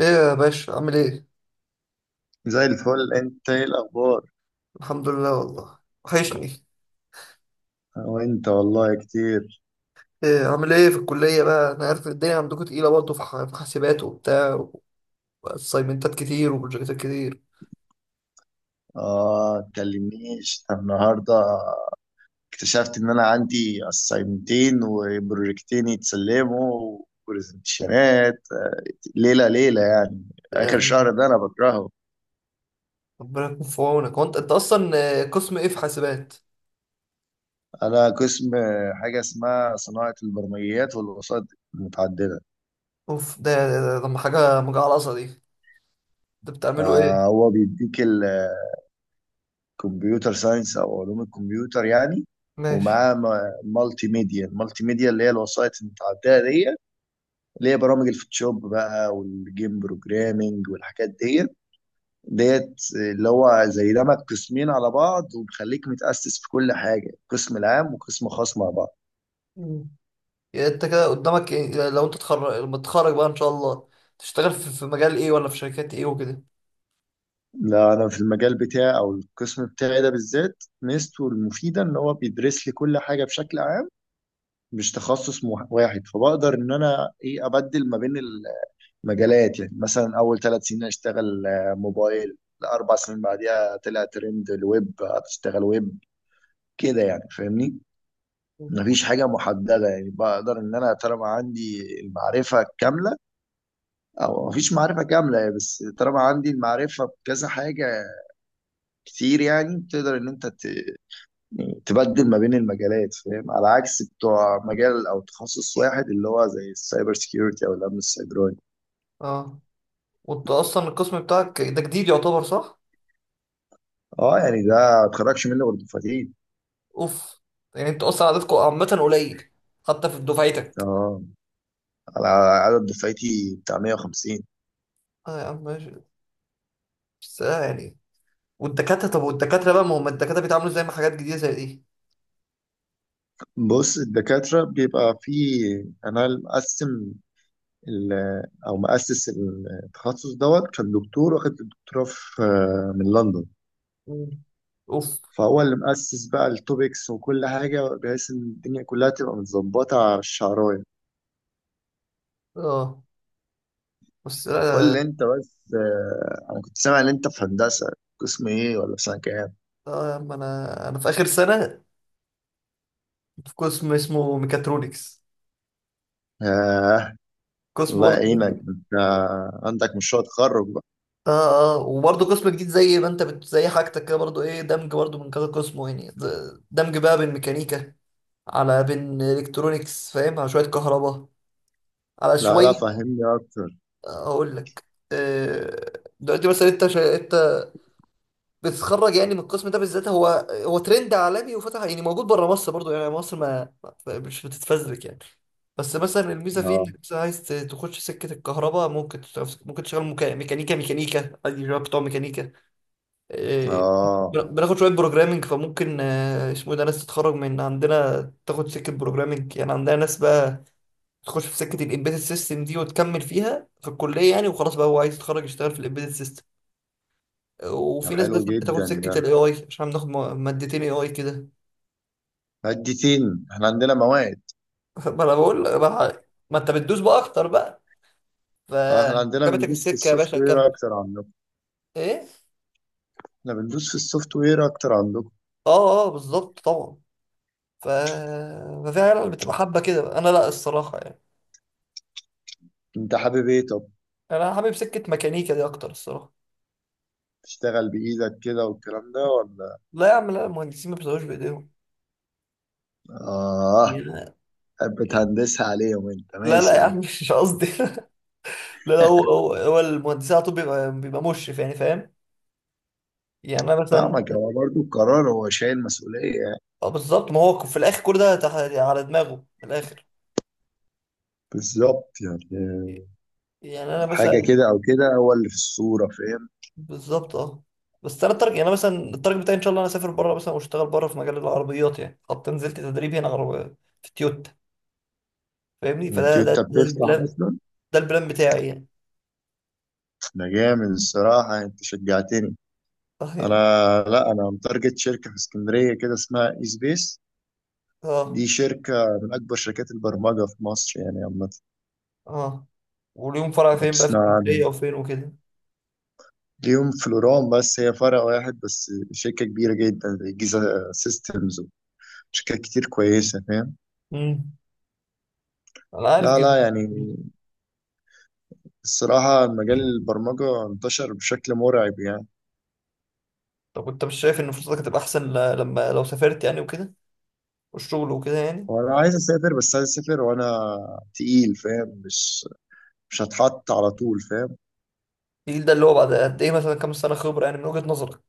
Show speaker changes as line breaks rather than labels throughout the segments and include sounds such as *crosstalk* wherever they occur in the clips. ايه يا باشا عامل ايه؟
زي الفل. انت ايه الاخبار؟
الحمد لله والله. وحشني.
وانت والله كتير.
ايه عامل ايه في الكلية بقى؟ انا عارف الدنيا عندكم تقيلة برضه في حاسبات وبتاع واسايمنتات كتير وبروجكتات كتير.
اه تكلمنيش النهارده، اكتشفت ان انا عندي اسايمتين وبروجكتين يتسلموا وبرزنتيشنات ليله ليله يعني، اخر
يعني
شهر ده انا بكرهه.
ربنا يكون في عونك. هو انت اصلا، قسم ايه في حاسبات؟
انا قسم حاجه اسمها صناعه البرمجيات والوسائط المتعدده.
اوف، ده ده حاجة مجعلصة دي. انت بتعملوا ايه؟
فهو بيديك كمبيوتر ساينس او علوم الكمبيوتر يعني.
ماشي.
ومعاه مالتي ميديا المالتي ميديا اللي هي الوسائط المتعدده دي، اللي هي برامج الفوتوشوب بقى والجيم بروجرامينج والحاجات دي. ديت اللي هو زي دمج قسمين على بعض وبيخليك متأسس في كل حاجه، قسم العام وقسم خاص مع بعض.
مم. يعني انت كده قدامك إيه؟ لو انت تخرج لما تتخرج بقى ان شاء الله تشتغل في مجال ايه ولا في شركات ايه وكده؟
لا انا في المجال بتاعي او القسم بتاعي ده بالذات ميزته المفيده ان هو بيدرس لي كل حاجه بشكل عام، مش تخصص واحد، فبقدر ان انا ايه ابدل ما بين مجالات. يعني مثلا اول ثلاث سنين اشتغل موبايل، الاربع سنين بعديها طلع ترند الويب هتشتغل ويب. كده يعني، فاهمني؟
مم.
مفيش حاجة محددة يعني، بقدر إن أنا طالما عندي المعرفة الكاملة، أو مفيش معرفة كاملة بس طالما عندي المعرفة بكذا حاجة كتير، يعني تقدر إن يعني تبدل ما بين المجالات، فاهم؟ على عكس بتوع مجال أو تخصص واحد اللي هو زي السايبر سيكيورتي أو الأمن السيبراني.
اه، وانت اصلا القسم بتاعك ده جديد يعتبر، صح؟
أه يعني ده ما تخرجش منه غير دفعتين.
اوف، يعني انت اصلا عددكم عامة قليل، حتى في دفعتك.
أه، على عدد دفعتي بتاع 150.
اه يا عم ماشي. بس آه يعني، والدكاترة، طب والدكاترة بقى، ما هم الدكاترة بيتعاملوا زي ما حاجات جديدة زي دي؟
بص، الدكاترة بيبقى في، أنا مقسم، ال- أو مؤسس التخصص دوت كان دكتور واخد الدكتوراه في، من لندن.
مم. اوف.
فهو اللي مؤسس بقى التوبكس وكل حاجة، بحيث إن الدنيا كلها تبقى متظبطة على الشعراية.
اه، بس
قول
لا.
لي
لا-
أنت بس، أنا كنت سامع إن أنت في هندسة، قسم إيه ولا في سنة كام؟
اه يا عم انا في اخر سنة، في قسم اسمه ميكاترونكس،
آه،
قسم
الله
برضه
يعينك
إيه؟
أنت، عندك مشروع تخرج بقى.
اه اه، وبرضه قسم جديد زي ما انت زي حاجتك كده برضه، ايه، دمج برضه من كذا قسم يعني دمج بقى بين ميكانيكا على بين الكترونكس، فاهم، على شوية كهرباء، على
لا لا،
شوية.
فهمني أكتر.
هقول لك. آه، دلوقتي مثلا انت انت بتتخرج يعني من القسم ده بالذات، هو هو ترند عالمي، وفتح يعني موجود بره مصر برضو، يعني مصر مش بتتفزلك يعني. بس مثلا الميزه فيه انك
آه.
مثلا عايز تخش سكه الكهرباء، ممكن تشتغل ممكن تشتغل ميكانيكا، ميكانيكا عادي شباب بتوع ميكانيكا. آه،
اه
بناخد شويه بروجرامنج، فممكن اسمه ايه ده، ناس تتخرج من عندنا تاخد سكه بروجرامنج، يعني عندنا ناس بقى تخش في سكه الامبيدد سيستم دي وتكمل فيها في الكليه، يعني وخلاص بقى هو عايز يتخرج يشتغل في الامبيدد سيستم.
ده
وفي ناس
حلو
بس بتاخد
جدا ده،
سكه الاي اي، عشان بناخد مادتين اي اي كده. *laughs*
مادتين احنا عندنا مواد.
ما انا بقول ما, ما انت بتدوس بقى اكتر بقى،
احنا عندنا
فكمتك
بندوس في
السكه يا
السوفت
باشا،
وير
كمل.
اكتر عندكم.
ايه.
احنا بندوس في السوفت وير اكتر عندكم.
اه اه بالظبط طبعا. ف، ففي عيال بتبقى حابه كده بقى. انا لا الصراحه يعني،
انت حابب ايه طب؟
انا حابب سكه ميكانيكا دي اكتر الصراحه.
تشتغل بايدك كده والكلام ده ولا؟
لا يا عم، لا، المهندسين ما بيشتغلوش بايديهم.
اه.
يا-
بتهندسها عليهم انت،
لا
ماشي
لا
يا
يا
عم.
عم مش قصدي. *laughs* لا لا، هو المهندسين على طول بيبقى مشرف، يعني فاهم. يعني انا مثلا،
فاهمك، هو برضه القرار، هو شايل مسؤولية يعني.
اه بالظبط، ما هو في الاخر كل ده يعني على دماغه من الاخر.
بالظبط يعني،
يعني انا
حاجة
مثلا،
كده أو كده هو اللي في الصورة، فاهم؟
بالظبط اه. بس انا التارجت، يعني انا مثلا التارجت بتاعي ان شاء الله انا اسافر بره مثلا واشتغل بره في مجال العربيات، يعني حتى نزلت تدريب هنا عربية في تويوتا. فاهمني،
يعني
فده ده
تويوتا
ده
بتفتح
البلان،
أصلا؟
ده البلان بتاعي يعني.
ده جامد الصراحة، أنت شجعتني.
اه
انا،
يعني،
لا انا متارجت شركه في اسكندريه كده، اسمها اي سبيس.
اه
دي شركه من اكبر شركات البرمجه في مصر يعني عامه،
اه. وليهم فرع
لو
فين بقى، في
تسمع عنها.
اسكندريه وفين وكده؟
ليهم فلوران بس هي فرع واحد بس، شركه كبيره جدا زي جيزا سيستمز وشركات كتير كويسه، فاهم؟
امم. انا عارف
لا لا
جدا.
يعني، الصراحه مجال البرمجه انتشر بشكل مرعب يعني.
طب انت مش شايف ان فرصتك هتبقى احسن لما لو سافرت يعني وكده، والشغل وكده يعني؟
وانا عايز اسافر، بس عايز اسافر وانا تقيل، فاهم؟ مش هتحط على طول، فاهم؟
الجيل ده اللي هو بعد قد ايه مثلا، كام سنه خبره يعني من وجهه نظرك؟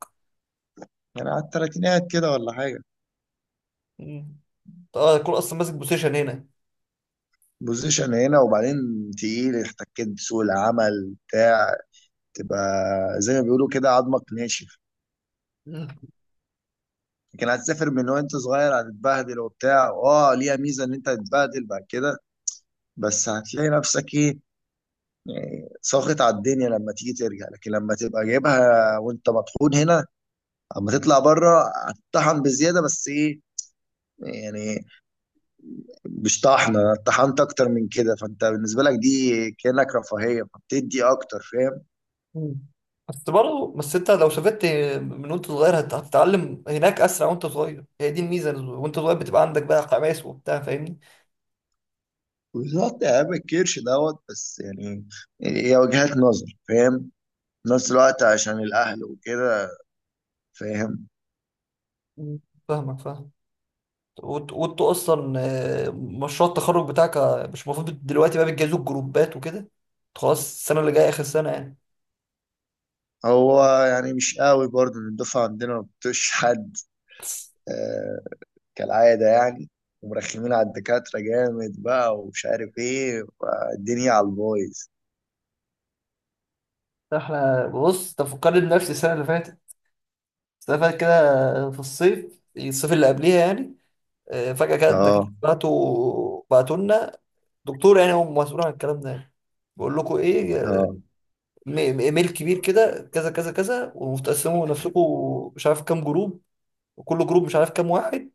يعني على التلاتينات كده ولا حاجه.
مم. انت اه هتكون اصلا ماسك بوزيشن هنا.
بوزيشن هنا، وبعدين تقيل احتكيت بسوق العمل بتاع، تبقى زي ما بيقولوا كده عظمك ناشف.
مم.
لكن هتسافر من وانت صغير هتتبهدل وبتاع، اه ليها ميزه ان انت هتتبهدل بعد كده، بس هتلاقي نفسك ايه، يعني ساخط على الدنيا لما تيجي ترجع. لكن لما تبقى جايبها وانت مطحون هنا، اما تطلع بره هتطحن بزياده بس ايه، يعني مش طحنه طحنت اكتر من كده، فانت بالنسبه لك دي كانك رفاهيه، فبتدي اكتر، فاهم؟
مم. بس برضه، بس انت لو سافرت من وانت صغير هتتعلم هناك اسرع وانت صغير، هي دي الميزه، وانت صغير بتبقى عندك بقى حماس وبتاع، فاهمني.
بالظبط يا عم، الكرش دوت بس يعني هي وجهات نظر، فاهم؟ في نفس الوقت عشان الأهل وكده، فاهم.
مم. فاهمك فاهم. وانتوا اصلا مشروع التخرج بتاعك، مش المفروض دلوقتي بقى بتجهزوا الجروبات وكده، خلاص السنه اللي جايه اخر سنه يعني.
هو يعني مش قوي برضه، إن الدفعة عندنا ما بتطيقش حد، آه، كالعادة يعني، ومرخمين على الدكاترة جامد بقى ومش عارف ايه، الدنيا على البايظ.
احنا بص، تفكرني بنفسي السنه اللي فاتت، السنه اللي فاتت كده في الصيف، الصيف اللي قبليها يعني، فجاه كده الدكاتره
اه
بعتوا لنا دكتور يعني هو مسؤول عن الكلام ده يعني. بقول لكم ايه،
اه،
ايميل كبير كده، كذا كذا كذا، وتقسموا نفسكم مش عارف كام جروب، وكل جروب مش عارف كام واحد،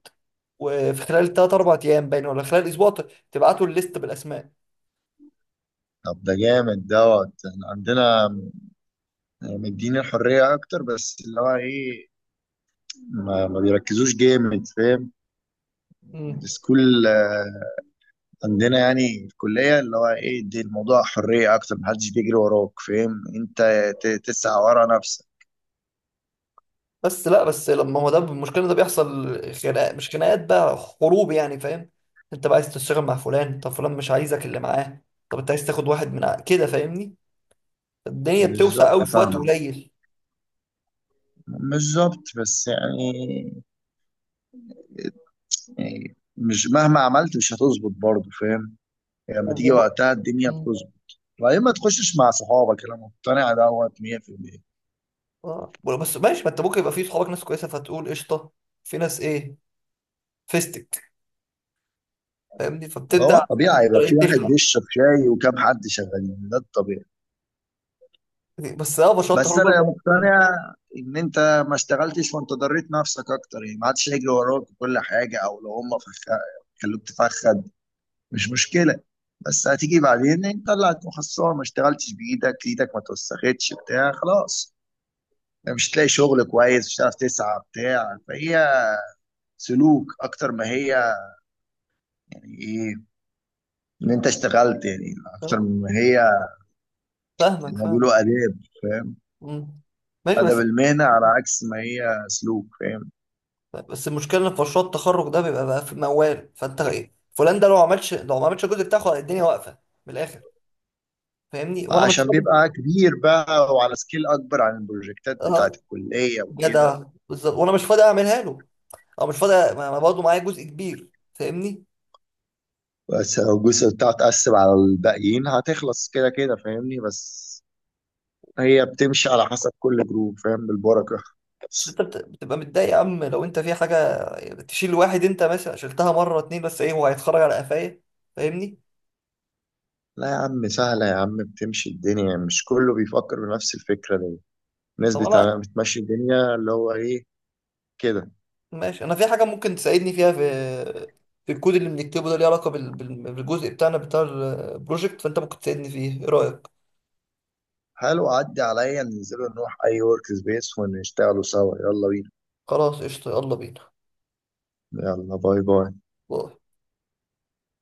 وفي خلال تلات أربع أيام باين، ولا خلال أسبوع تبعتوا الليست بالأسماء.
طب ده جامد دوت. احنا عندنا مديني الحرية أكتر، بس اللي هو ايه، ما بيركزوش جامد، فاهم؟
مم.
السكول عندنا يعني في الكلية، اللي هو ايه دي، الموضوع حرية أكتر، محدش بيجري وراك، فاهم أنت؟ تسعى ورا نفسك.
بس لا، بس لما هو ده المشكله، إن ده بيحصل خناقات، مش خناقات بقى، حروب يعني، فاهم. انت بقى عايز تشتغل مع فلان، طب فلان مش عايزك اللي معاه. طب انت عايز تاخد واحد من كده، فاهمني. الدنيا بتوسع
بالظبط
قوي في وقت
فاهمة،
قليل.
بالظبط بس يعني، يعني مش مهما عملت مش هتظبط برضه، فاهم؟ يعني لما تيجي
وم...
وقتها الدنيا
مم.
بتظبط. وبعدين ما تخشش مع صحابك، أنا مقتنع دوت 100%.
آه. بس ماشي، ما انت ممكن يبقى في صحابك ناس كويسه، فتقول قشطه، في ناس ايه، فيستك، فاهمني،
هو
فبتبدا
الطبيعي يبقى
إيه،
في واحد
تخلع.
بيشرب شاي وكام حد شغالين، ده الطبيعي.
بس اه بشرط
بس
حروب
انا مقتنع ان انت ما اشتغلتش، وانت ضريت نفسك اكتر يعني ما عادش يجري وراك وكل حاجه، او لو هم خلوك تفخد مش مشكله، بس هتيجي بعدين انت طلعت مخصصه، ما اشتغلتش بايدك، ايدك ما توسختش بتاع خلاص، يعني مش تلاقي شغل كويس، مش هتعرف تسعى بتاع، فهي سلوك اكتر ما هي، يعني ايه ان انت اشتغلت يعني اكتر
آه،
ما هي،
فاهمك
اللي
فاهمك.
بيقولوا اداب، فاهم؟
مم. ماشي
ادب
بس.
المهنه، على عكس ما هي سلوك، فاهم؟
بس المشكله ان في مشروع التخرج ده بيبقى بقى في موال، فانت ايه، فلان ده لو ما عملش، الجزء بتاعه الدنيا واقفه من الاخر، فاهمني، وانا مش
عشان
فاضي.
بيبقى كبير بقى وعلى سكيل اكبر عن البروجكتات بتاعت
اه
الكليه وكده.
جدع. بالظبط، وانا مش فاضي اعملها له، او مش فاضي، ما ما برضه معايا جزء كبير فاهمني.
بس لو الجزء بتاعه اتقسم على الباقيين هتخلص كده كده، فاهمني؟ بس هي بتمشي على حسب كل جروب، فاهم؟ بالبركه.
بس انت بتبقى متضايق يا عم لو انت في حاجه تشيل واحد، انت مثلا شلتها مره اتنين، بس ايه هو هيتخرج على قفايا، فاهمني.
لا يا عم، سهله يا عم، بتمشي الدنيا. مش كله بيفكر بنفس الفكره دي، الناس
طب انا،
بتمشي الدنيا اللي هو ايه كده.
ماشي انا في حاجه ممكن تساعدني فيها في في الكود اللي بنكتبه ده، ليه علاقه بالجزء بتاعنا بتاع البروجكت، فانت ممكن تساعدني فيه، ايه رايك؟
حلو، عدي عليا، ننزلوا نروح اي ورك سبيس ونشتغلوا سوا، يلا بينا.
خلاص قشطة، يلا بينا.
يلا، باي باي.
باي.